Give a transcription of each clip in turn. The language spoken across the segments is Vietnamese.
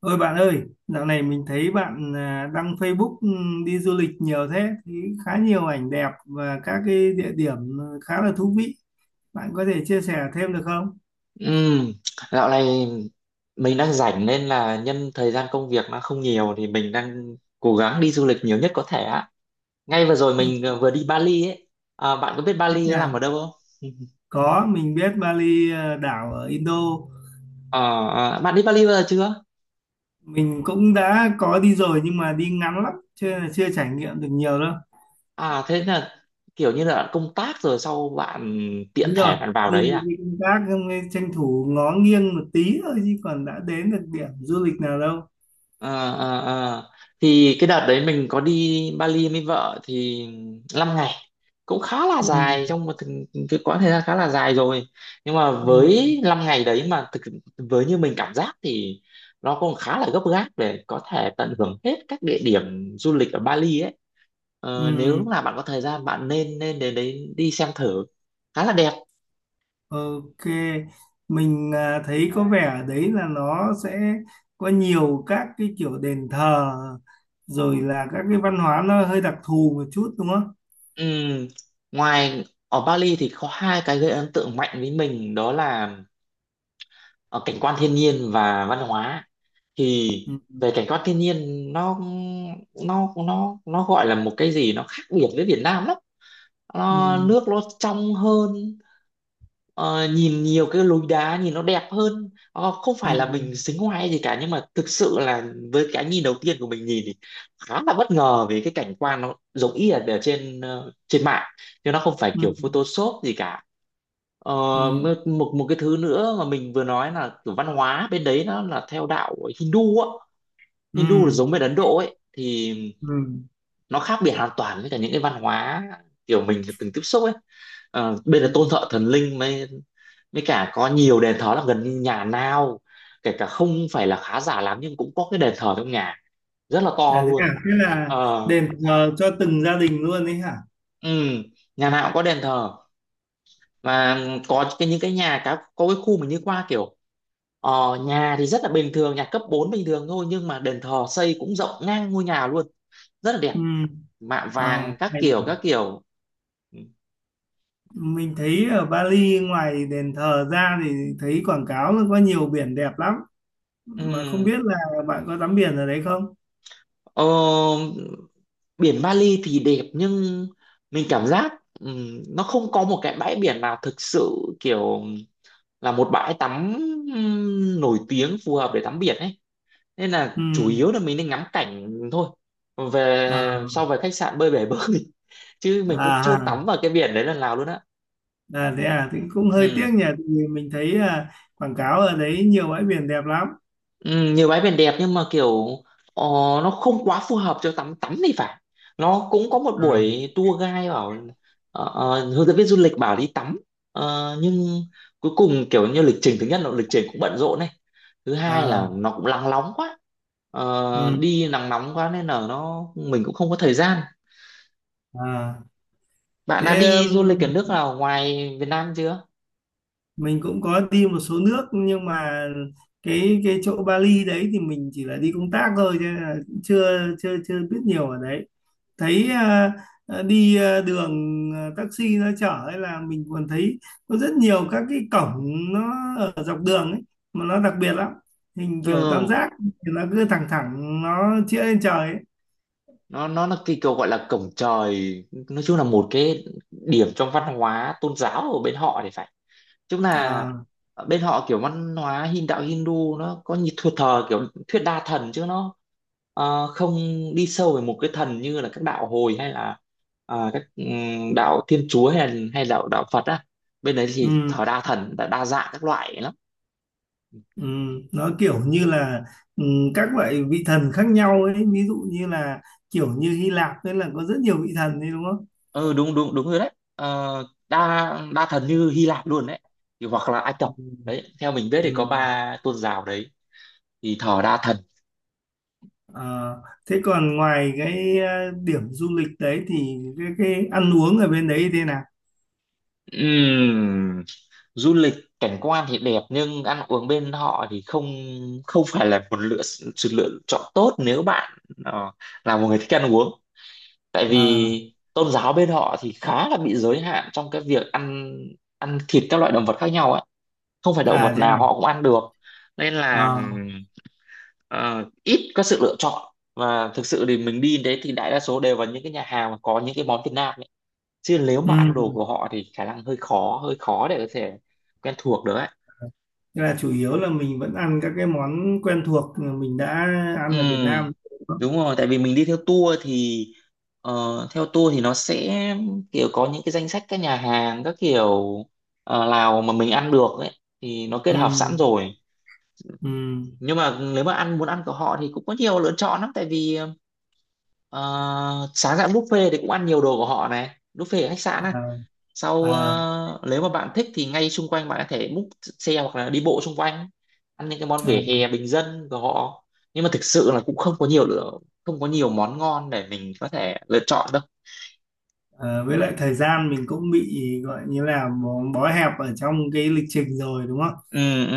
Ôi bạn ơi, dạo này mình thấy bạn đăng Facebook, đi du lịch nhiều thế, thì khá nhiều ảnh đẹp và các cái địa điểm khá là thú vị. Bạn có thể chia sẻ thêm được không? Ừm, Dạo này mình đang rảnh nên là nhân thời gian công việc nó không nhiều thì mình đang cố gắng đi du lịch nhiều nhất có thể ạ. Ngay vừa rồi Ừ. mình vừa đi Bali ấy. À, bạn có biết Thích Bali nó nằm nhà. ở đâu không? Có, mình biết Bali đảo ở Indo. Ờ, Bạn đi Bali bao giờ chưa? Mình cũng đã có đi rồi nhưng mà đi ngắn lắm, chưa chưa trải nghiệm được nhiều đâu. À thế là kiểu như là bạn công tác rồi sau bạn tiện Đúng rồi, thể bạn vào đi, đấy à? đi công tác xong rồi tranh thủ ngó nghiêng một tí thôi chứ còn đã đến được điểm du lịch nào đâu. À, à, à. Thì cái đợt đấy mình có đi Bali với vợ thì 5 ngày cũng khá là Ừ. dài, trong một cái quãng thời gian khá là dài rồi. Nhưng mà Ừ. với 5 ngày đấy mà thực với như mình cảm giác thì nó cũng khá là gấp gáp để có thể tận hưởng hết các địa điểm du lịch ở Bali ấy. Ừ. Nếu lúc nào bạn có thời gian bạn nên nên đến đấy đi xem thử, khá là đẹp. Ok, mình thấy có vẻ ở đấy là nó sẽ có nhiều các cái kiểu đền thờ rồi là các cái văn hóa nó hơi đặc thù một chút đúng không? Ừm, Ngoài ở Bali thì có hai cái gây ấn tượng mạnh với mình đó là ờ, cảnh quan thiên nhiên và văn hóa. Thì Ừ, về cảnh quan thiên nhiên, nó nó gọi là một cái gì nó khác biệt với Việt Nam lắm. Ờ, ừ, Nước nó trong hơn. Nhìn nhiều cái lối đá nhìn nó đẹp hơn. Ờ, Không ừ, phải là mình xính ngoại gì cả nhưng mà thực sự là với cái nhìn đầu tiên của mình nhìn thì khá là bất ngờ, vì cái cảnh quan nó giống y là ở trên trên mạng, chứ nó không phải ừ, kiểu Photoshop gì cả. Ờ, ừ, một một một cái thứ nữa mà mình vừa nói là kiểu văn hóa bên đấy nó là theo đạo Hindu á. ừ, Hindu là giống bên Ấn Độ ấy, thì ừ, ừ. nó khác biệt hoàn toàn với cả những cái văn hóa kiểu mình từng tiếp xúc ấy. Bên là tôn Ừ. thờ thần linh, mới mới cả có nhiều đền thờ, là gần như nhà nào kể cả không phải là khá giả lắm nhưng cũng có cái đền thờ trong nhà, rất là to à? luôn. Thế là ờ đền thờ cho từng gia đình luôn đấy hả? ừ, nhà nào cũng có đền thờ, và có cái những cái nhà có cái khu mình đi qua kiểu nhà thì rất là bình thường, nhà cấp 4 bình thường thôi, nhưng mà đền thờ xây cũng rộng ngang ngôi nhà luôn, rất là Ừ. đẹp, mạ Ờ, vàng các hay kiểu nhỉ. các kiểu. Ừ. Mình thấy ở Bali ngoài đền thờ ra thì thấy quảng cáo nó có nhiều biển đẹp lắm. Mà không Ừ. biết là bạn có tắm biển ở đấy không? Ờ, biển Bali thì đẹp, nhưng mình cảm giác nó không có một cái bãi biển nào thực sự kiểu là một bãi tắm nổi tiếng phù hợp để tắm biển ấy. Nên là Ừ. chủ yếu là mình nên ngắm cảnh thôi, về À, sau về khách sạn bơi bể bơi. Chứ mình à, cũng chưa tắm à, vào cái biển đấy lần nào luôn á. à, thế à thì cũng hơi tiếc Ừ. nhỉ, tại vì mình thấy quảng cáo ở đấy nhiều bãi biển đẹp lắm. Ừ, nhiều bãi biển đẹp nhưng mà kiểu ờ, nó không quá phù hợp cho tắm tắm thì phải. Nó cũng có một À, buổi tour guide bảo, hướng dẫn viên du lịch bảo đi tắm. Ờ, nhưng cuối cùng kiểu như lịch trình, thứ nhất là lịch trình cũng bận rộn này, thứ hai là à. nó cũng nắng nóng quá. Ờ, Ừ. đi nắng nóng quá nên là nó mình cũng không có thời gian. À Bạn đã thế đi du um, lịch ở nước nào ngoài Việt Nam chưa? mình cũng có đi một số nước nhưng mà cái chỗ Bali đấy thì mình chỉ là đi công tác thôi cho nên là chưa chưa chưa biết nhiều ở đấy. Thấy đi đường, taxi nó chở ấy là mình còn thấy có rất nhiều các cái cổng, nó ở dọc đường ấy mà nó đặc biệt lắm, hình kiểu tam Ừ, giác thì nó cứ thẳng thẳng nó chĩa lên trời ấy. nó là cái kiểu gọi là cổng trời. Nói chung là một cái điểm trong văn hóa tôn giáo ở bên họ thì phải. Chung là À, ở bên họ kiểu văn hóa Hin đạo Hindu nó có như thờ thờ kiểu thuyết đa thần, chứ nó không đi sâu về một cái thần như là các đạo hồi hay là các đạo Thiên Chúa hay là hay đạo đạo Phật á. Bên đấy thì ừ. thờ đa thần, đa dạng các loại lắm. Ừ, nó kiểu như là, ừ, các loại vị thần khác nhau ấy, ví dụ như là kiểu như Hy Lạp ấy là có rất nhiều vị thần đấy đúng không? Ừ, đúng đúng đúng rồi đấy. Ờ, đa đa thần như Hy Lạp luôn đấy, thì hoặc là Ai Cập Ừ. đấy. Theo mình biết Ừ. thì có ba tôn giáo đấy thì thờ đa thần. Ờ, thế còn ngoài cái điểm du lịch đấy thì cái ăn uống ở bên đấy thế nào? Ừm, Du lịch cảnh quan thì đẹp, nhưng ăn uống bên họ thì không, không phải là một sự lựa chọn tốt nếu bạn ờ, là một người thích ăn uống. Tại À, vì tôn giáo bên họ thì khá là bị giới hạn trong cái việc ăn ăn thịt các loại động vật khác nhau ấy. Không phải động à vật thế nào à? họ cũng ăn được. Nên Ờ, là ít có sự lựa chọn, và thực sự thì mình đi đến đấy thì đại đa số đều vào những cái nhà hàng mà có những cái món Việt Nam ấy. Chứ nếu mà ăn đồ ừ. của họ thì khả năng hơi khó để có thể quen thuộc được ấy. Thế là chủ yếu là mình vẫn ăn các cái món quen thuộc mà mình đã Ừ, ăn ở Việt Nam đúng không? đúng rồi, tại vì mình đi theo tour thì theo tour thì nó sẽ kiểu có những cái danh sách các nhà hàng các kiểu nào mà mình ăn được ấy, thì nó kết Ừ. hợp sẵn rồi. Ừ. Nhưng mà nếu mà muốn ăn của họ thì cũng có nhiều lựa chọn lắm, tại vì ờ, sáng dạng buffet thì cũng ăn nhiều đồ của họ này, buffet ở khách sạn. À, Sau à, nếu mà bạn thích thì ngay xung quanh bạn có thể book xe hoặc là đi bộ xung quanh, ăn những cái món vỉa à. hè bình dân của họ. Nhưng mà thực sự là cũng không có nhiều món ngon để mình có thể lựa chọn đâu. Ờ, với lại thời gian mình cũng bị gọi như là bó hẹp ở trong cái lịch trình rồi đúng không? Ừ, ừ.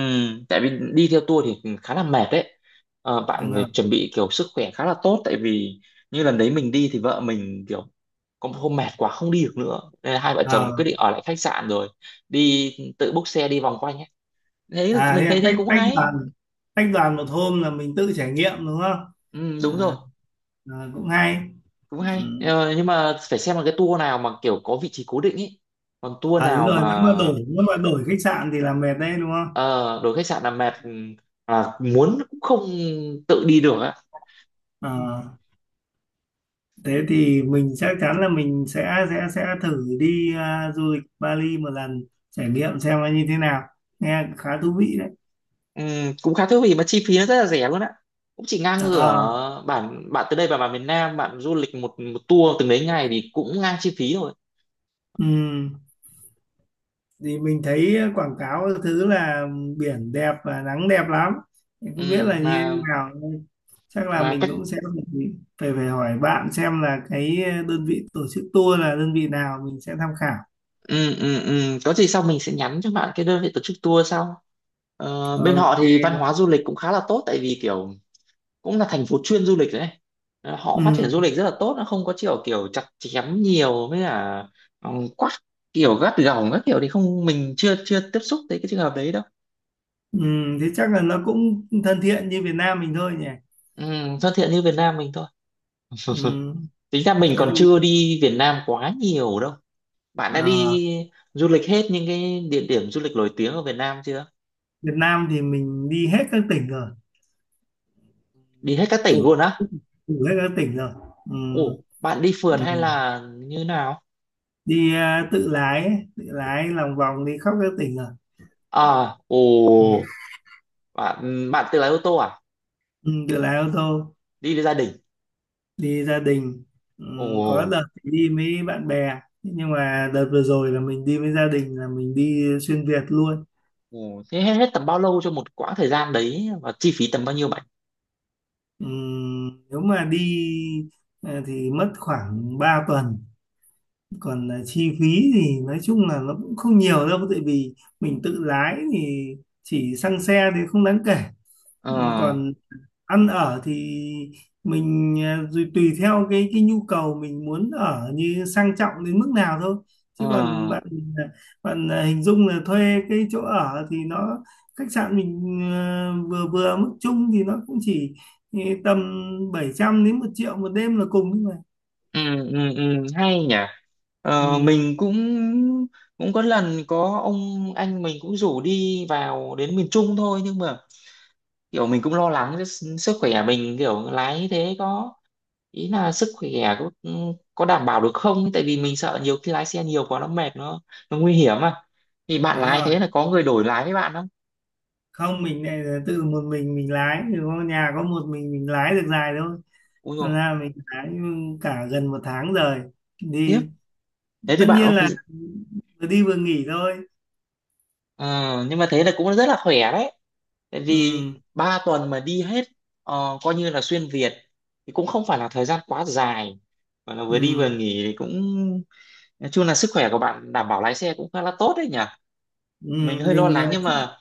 Tại vì đi theo tour thì khá là mệt đấy. Ờ, bạn Đúng rồi. phải chuẩn bị kiểu sức khỏe khá là tốt, tại vì như lần đấy mình đi thì vợ mình kiểu có một hôm mệt quá không đi được nữa, nên là hai vợ chồng đã quyết Ờ. định ở lại khách sạn rồi đi tự book xe đi vòng quanh ấy. Thế là À thế mình là thấy thế tách cũng tách hay. đoàn, tách đoàn một hôm là mình tự trải nghiệm đúng không? Ừ, đúng rồi, À, ờ, cũng hay. cũng hay. Ờ, nhưng mà phải xem là cái tour nào mà kiểu có vị trí cố định ý, còn tour À đúng nào rồi, mà nếu mà đổi khách sạn thì là mệt đấy đúng không? ờ, đổi khách sạn là mệt. Ừ, À, muốn cũng không tự đi được á. Ờ, thế thì mình chắc chắn là mình sẽ thử đi du lịch Bali một lần, trải nghiệm xem nó như thế nào. Nghe khá thú vị đấy. Cũng khá thú vị, mà chi phí nó rất là rẻ luôn á, cũng chỉ ngang Ờ. ngửa bản bạn từ đây vào bản miền Nam bạn du lịch một một tour từng đấy ngày thì cũng ngang chi phí rồi. Ừ. Thì mình thấy quảng cáo thứ là biển đẹp và nắng đẹp lắm, thì không biết Ừm, là như thế mà nào. Chắc là mà mình cũng sẽ phải phải phải hỏi bạn xem là cái đơn vị tổ chức tour là đơn vị nào mình sẽ tham khảo. Ừ, ừ, ừ, có gì sau mình sẽ nhắn cho bạn cái đơn vị tổ chức tour sau. Ờ, bên họ thì văn Ok. hóa du lịch cũng khá là tốt, tại vì kiểu cũng là thành phố chuyên du lịch đấy. Ờ, họ Ừ, phát triển du lịch rất là tốt, nó không có kiểu kiểu chặt chém nhiều với cả ừ, quắt kiểu gắt gỏng các kiểu thì không, mình chưa chưa tiếp xúc tới cái trường hợp đấy đâu. ừ. Thế chắc là nó cũng thân thiện như Việt Nam mình thôi nhỉ. Ừ, thân thiện như Việt Nam mình thôi. Ừ. Tính ra mình Thế còn chưa thì đi Việt Nam quá nhiều đâu. Bạn đã à, đi du lịch hết những cái địa điểm du lịch nổi tiếng ở Việt Nam chưa? Việt Nam thì mình đi hết các tỉnh rồi, Đi hết các tỉnh đủ luôn á? đủ hết các tỉnh rồi. Ừ. Ồ, bạn đi phượt Ừ. hay là như nào? Đi tự lái ấy, tự lái lòng vòng đi khắp các tỉnh rồi. À, Ừ. ồ, bạn bạn tự lái ô tô à? Ừ, tự lái ô tô, Đi với gia đình. đi gia đình. Ừ, có Ồ, đợt thì đi với bạn bè nhưng mà đợt vừa rồi là mình đi với gia đình là mình đi xuyên Việt luôn. ồ, thế hết tầm bao lâu cho một quãng thời gian đấy, và chi phí tầm bao nhiêu bạn? Ừ, nếu mà đi thì mất khoảng 3 tuần. Còn chi phí thì nói chung là nó cũng không nhiều đâu, tại vì mình tự lái thì chỉ xăng xe thì không đáng kể. Ờ, Ừ, còn ăn ở thì mình rồi tùy theo cái nhu cầu mình muốn ở như sang trọng đến mức nào thôi, ờ, chứ còn bạn à, bạn à, hình dung là thuê cái chỗ ở thì nó, khách sạn mình vừa vừa mức chung thì nó cũng chỉ tầm 700 đến 1.000.000 một đêm là cùng thôi mà. ừ, ừ, hay nhỉ. Ờ, Ừ, mình cũng cũng có lần có ông anh mình cũng rủ đi vào đến miền Trung thôi, nhưng mà kiểu mình cũng lo lắng cho sức khỏe mình kiểu lái thế có, ý là sức khỏe có, có đảm bảo được không, tại vì mình sợ nhiều khi lái xe nhiều quá nó mệt, nó nguy hiểm mà. Thì bạn đúng lái rồi. thế là có người đổi lái với bạn không? Không mình này là tự một mình lái thì có nhà có một mình lái được dài thôi. Ui rồi, Thành ra mình lái cả gần một tháng rồi khiếp, đi, thế tất thì nhiên bạn là vừa đi vừa nghỉ thôi. Ờ, nhưng mà thế là cũng rất là khỏe đấy, tại Ừ, vì 3 tuần mà đi hết coi như là xuyên Việt thì cũng không phải là thời gian quá dài, mà là vừa đi vừa ừ, nghỉ thì cũng nói chung là sức khỏe của bạn đảm bảo, lái xe cũng khá là tốt đấy nhỉ. ừ. Mình hơi lo Mình lắng, nhưng mà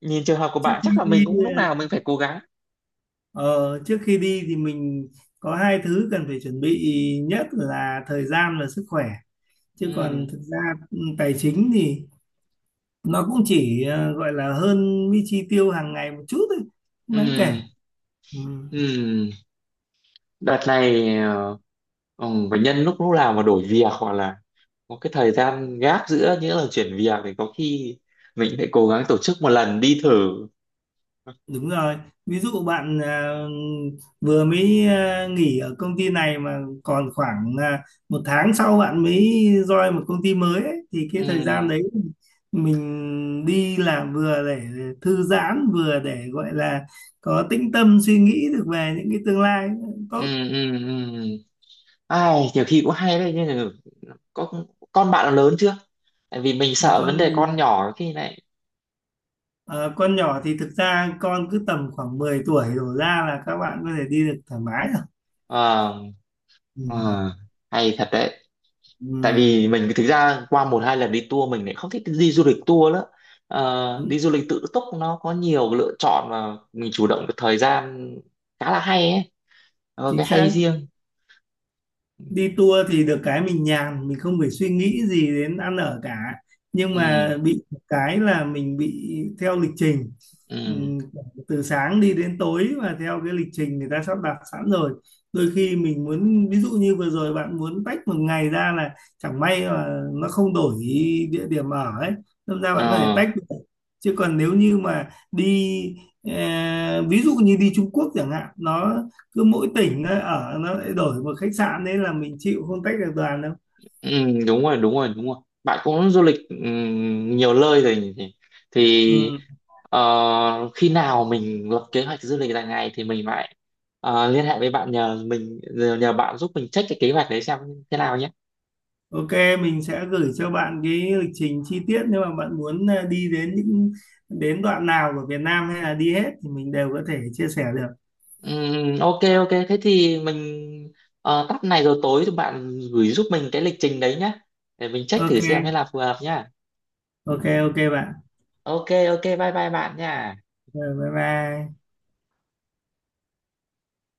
nhìn trường hợp của trước bạn khi chắc là mình đi cũng lúc nào mình phải cố gắng. Ờ, trước khi đi thì mình có hai thứ cần phải chuẩn bị, nhất là thời gian và sức khỏe, chứ còn Ừ. thực ra, ừ, tài chính thì nó cũng chỉ gọi là hơn cái chi tiêu hàng ngày một chút thôi, không Ừ, đáng kể. Ừ. ừ. Đợt này bệnh nhân lúc lúc nào mà đổi việc hoặc là có cái thời gian gap giữa những lần chuyển việc thì có khi mình phải cố gắng tổ chức một lần đi thử. Đúng rồi, ví dụ bạn vừa mới nghỉ ở công ty này mà còn khoảng một tháng sau bạn mới join một công ty mới ấy, thì Ừ, cái thời gian đấy mình đi làm vừa để thư giãn vừa để gọi là có tĩnh tâm suy nghĩ được về những cái tương lai ừ, tốt. ừ, ừ. Ai, nhiều khi cũng hay đấy, nhưng mà có con bạn nó lớn chưa? Tại vì mình sợ Con vấn đề mình con nhỏ khi này. Con nhỏ thì thực ra con cứ tầm khoảng 10 tuổi đổ ra là các bạn có thể đi được thoải mái rồi. ờ, Ừ, ờ, hay thật đấy. Tại ừ, vì mình thực ra qua một hai lần đi tour mình lại không thích đi du lịch tour nữa. Ờ, đi đúng, du lịch tự túc nó có nhiều lựa chọn và mình chủ động được thời gian, khá là hay ấy, nó có chính cái hay xác. riêng. Đi tour thì được cái mình nhàn, mình không phải suy nghĩ gì đến ăn ở cả, nhưng Ừ. mà bị một cái là mình bị theo lịch trình. Ừ. Ừm, Từ sáng đi đến tối và theo cái lịch trình người ta sắp đặt sẵn rồi, đôi khi mình muốn, ví dụ như vừa rồi bạn muốn tách một ngày ra là chẳng may mà nó không đổi địa điểm ở ấy nên ra bạn có thể ờ tách được, chứ còn nếu như mà đi ví dụ như đi Trung Quốc chẳng hạn, nó cứ mỗi tỉnh nó ở nó lại đổi một khách sạn đấy là mình chịu không tách được đoàn đâu. ừ, đúng rồi đúng rồi đúng rồi. Bạn cũng du lịch ừ, nhiều nơi rồi nhỉ? Thì Ừ. Khi nào mình lập kế hoạch du lịch dài ngày thì mình lại liên hệ với bạn, nhờ bạn giúp mình check cái kế hoạch đấy xem thế nào nhé. Ok, mình sẽ gửi cho bạn cái lịch trình chi tiết, nếu mà bạn muốn đi đến những đến đoạn nào của Việt Nam hay là đi hết thì mình đều có thể chia sẻ được. Ok ok, thế thì mình tắt này rồi tối thì bạn gửi giúp mình cái lịch trình đấy nhá, để mình check thử Ok xem thế là phù hợp nhá. ok ok bạn. Ok ok, bye bye bạn nha. Rồi, bye bye.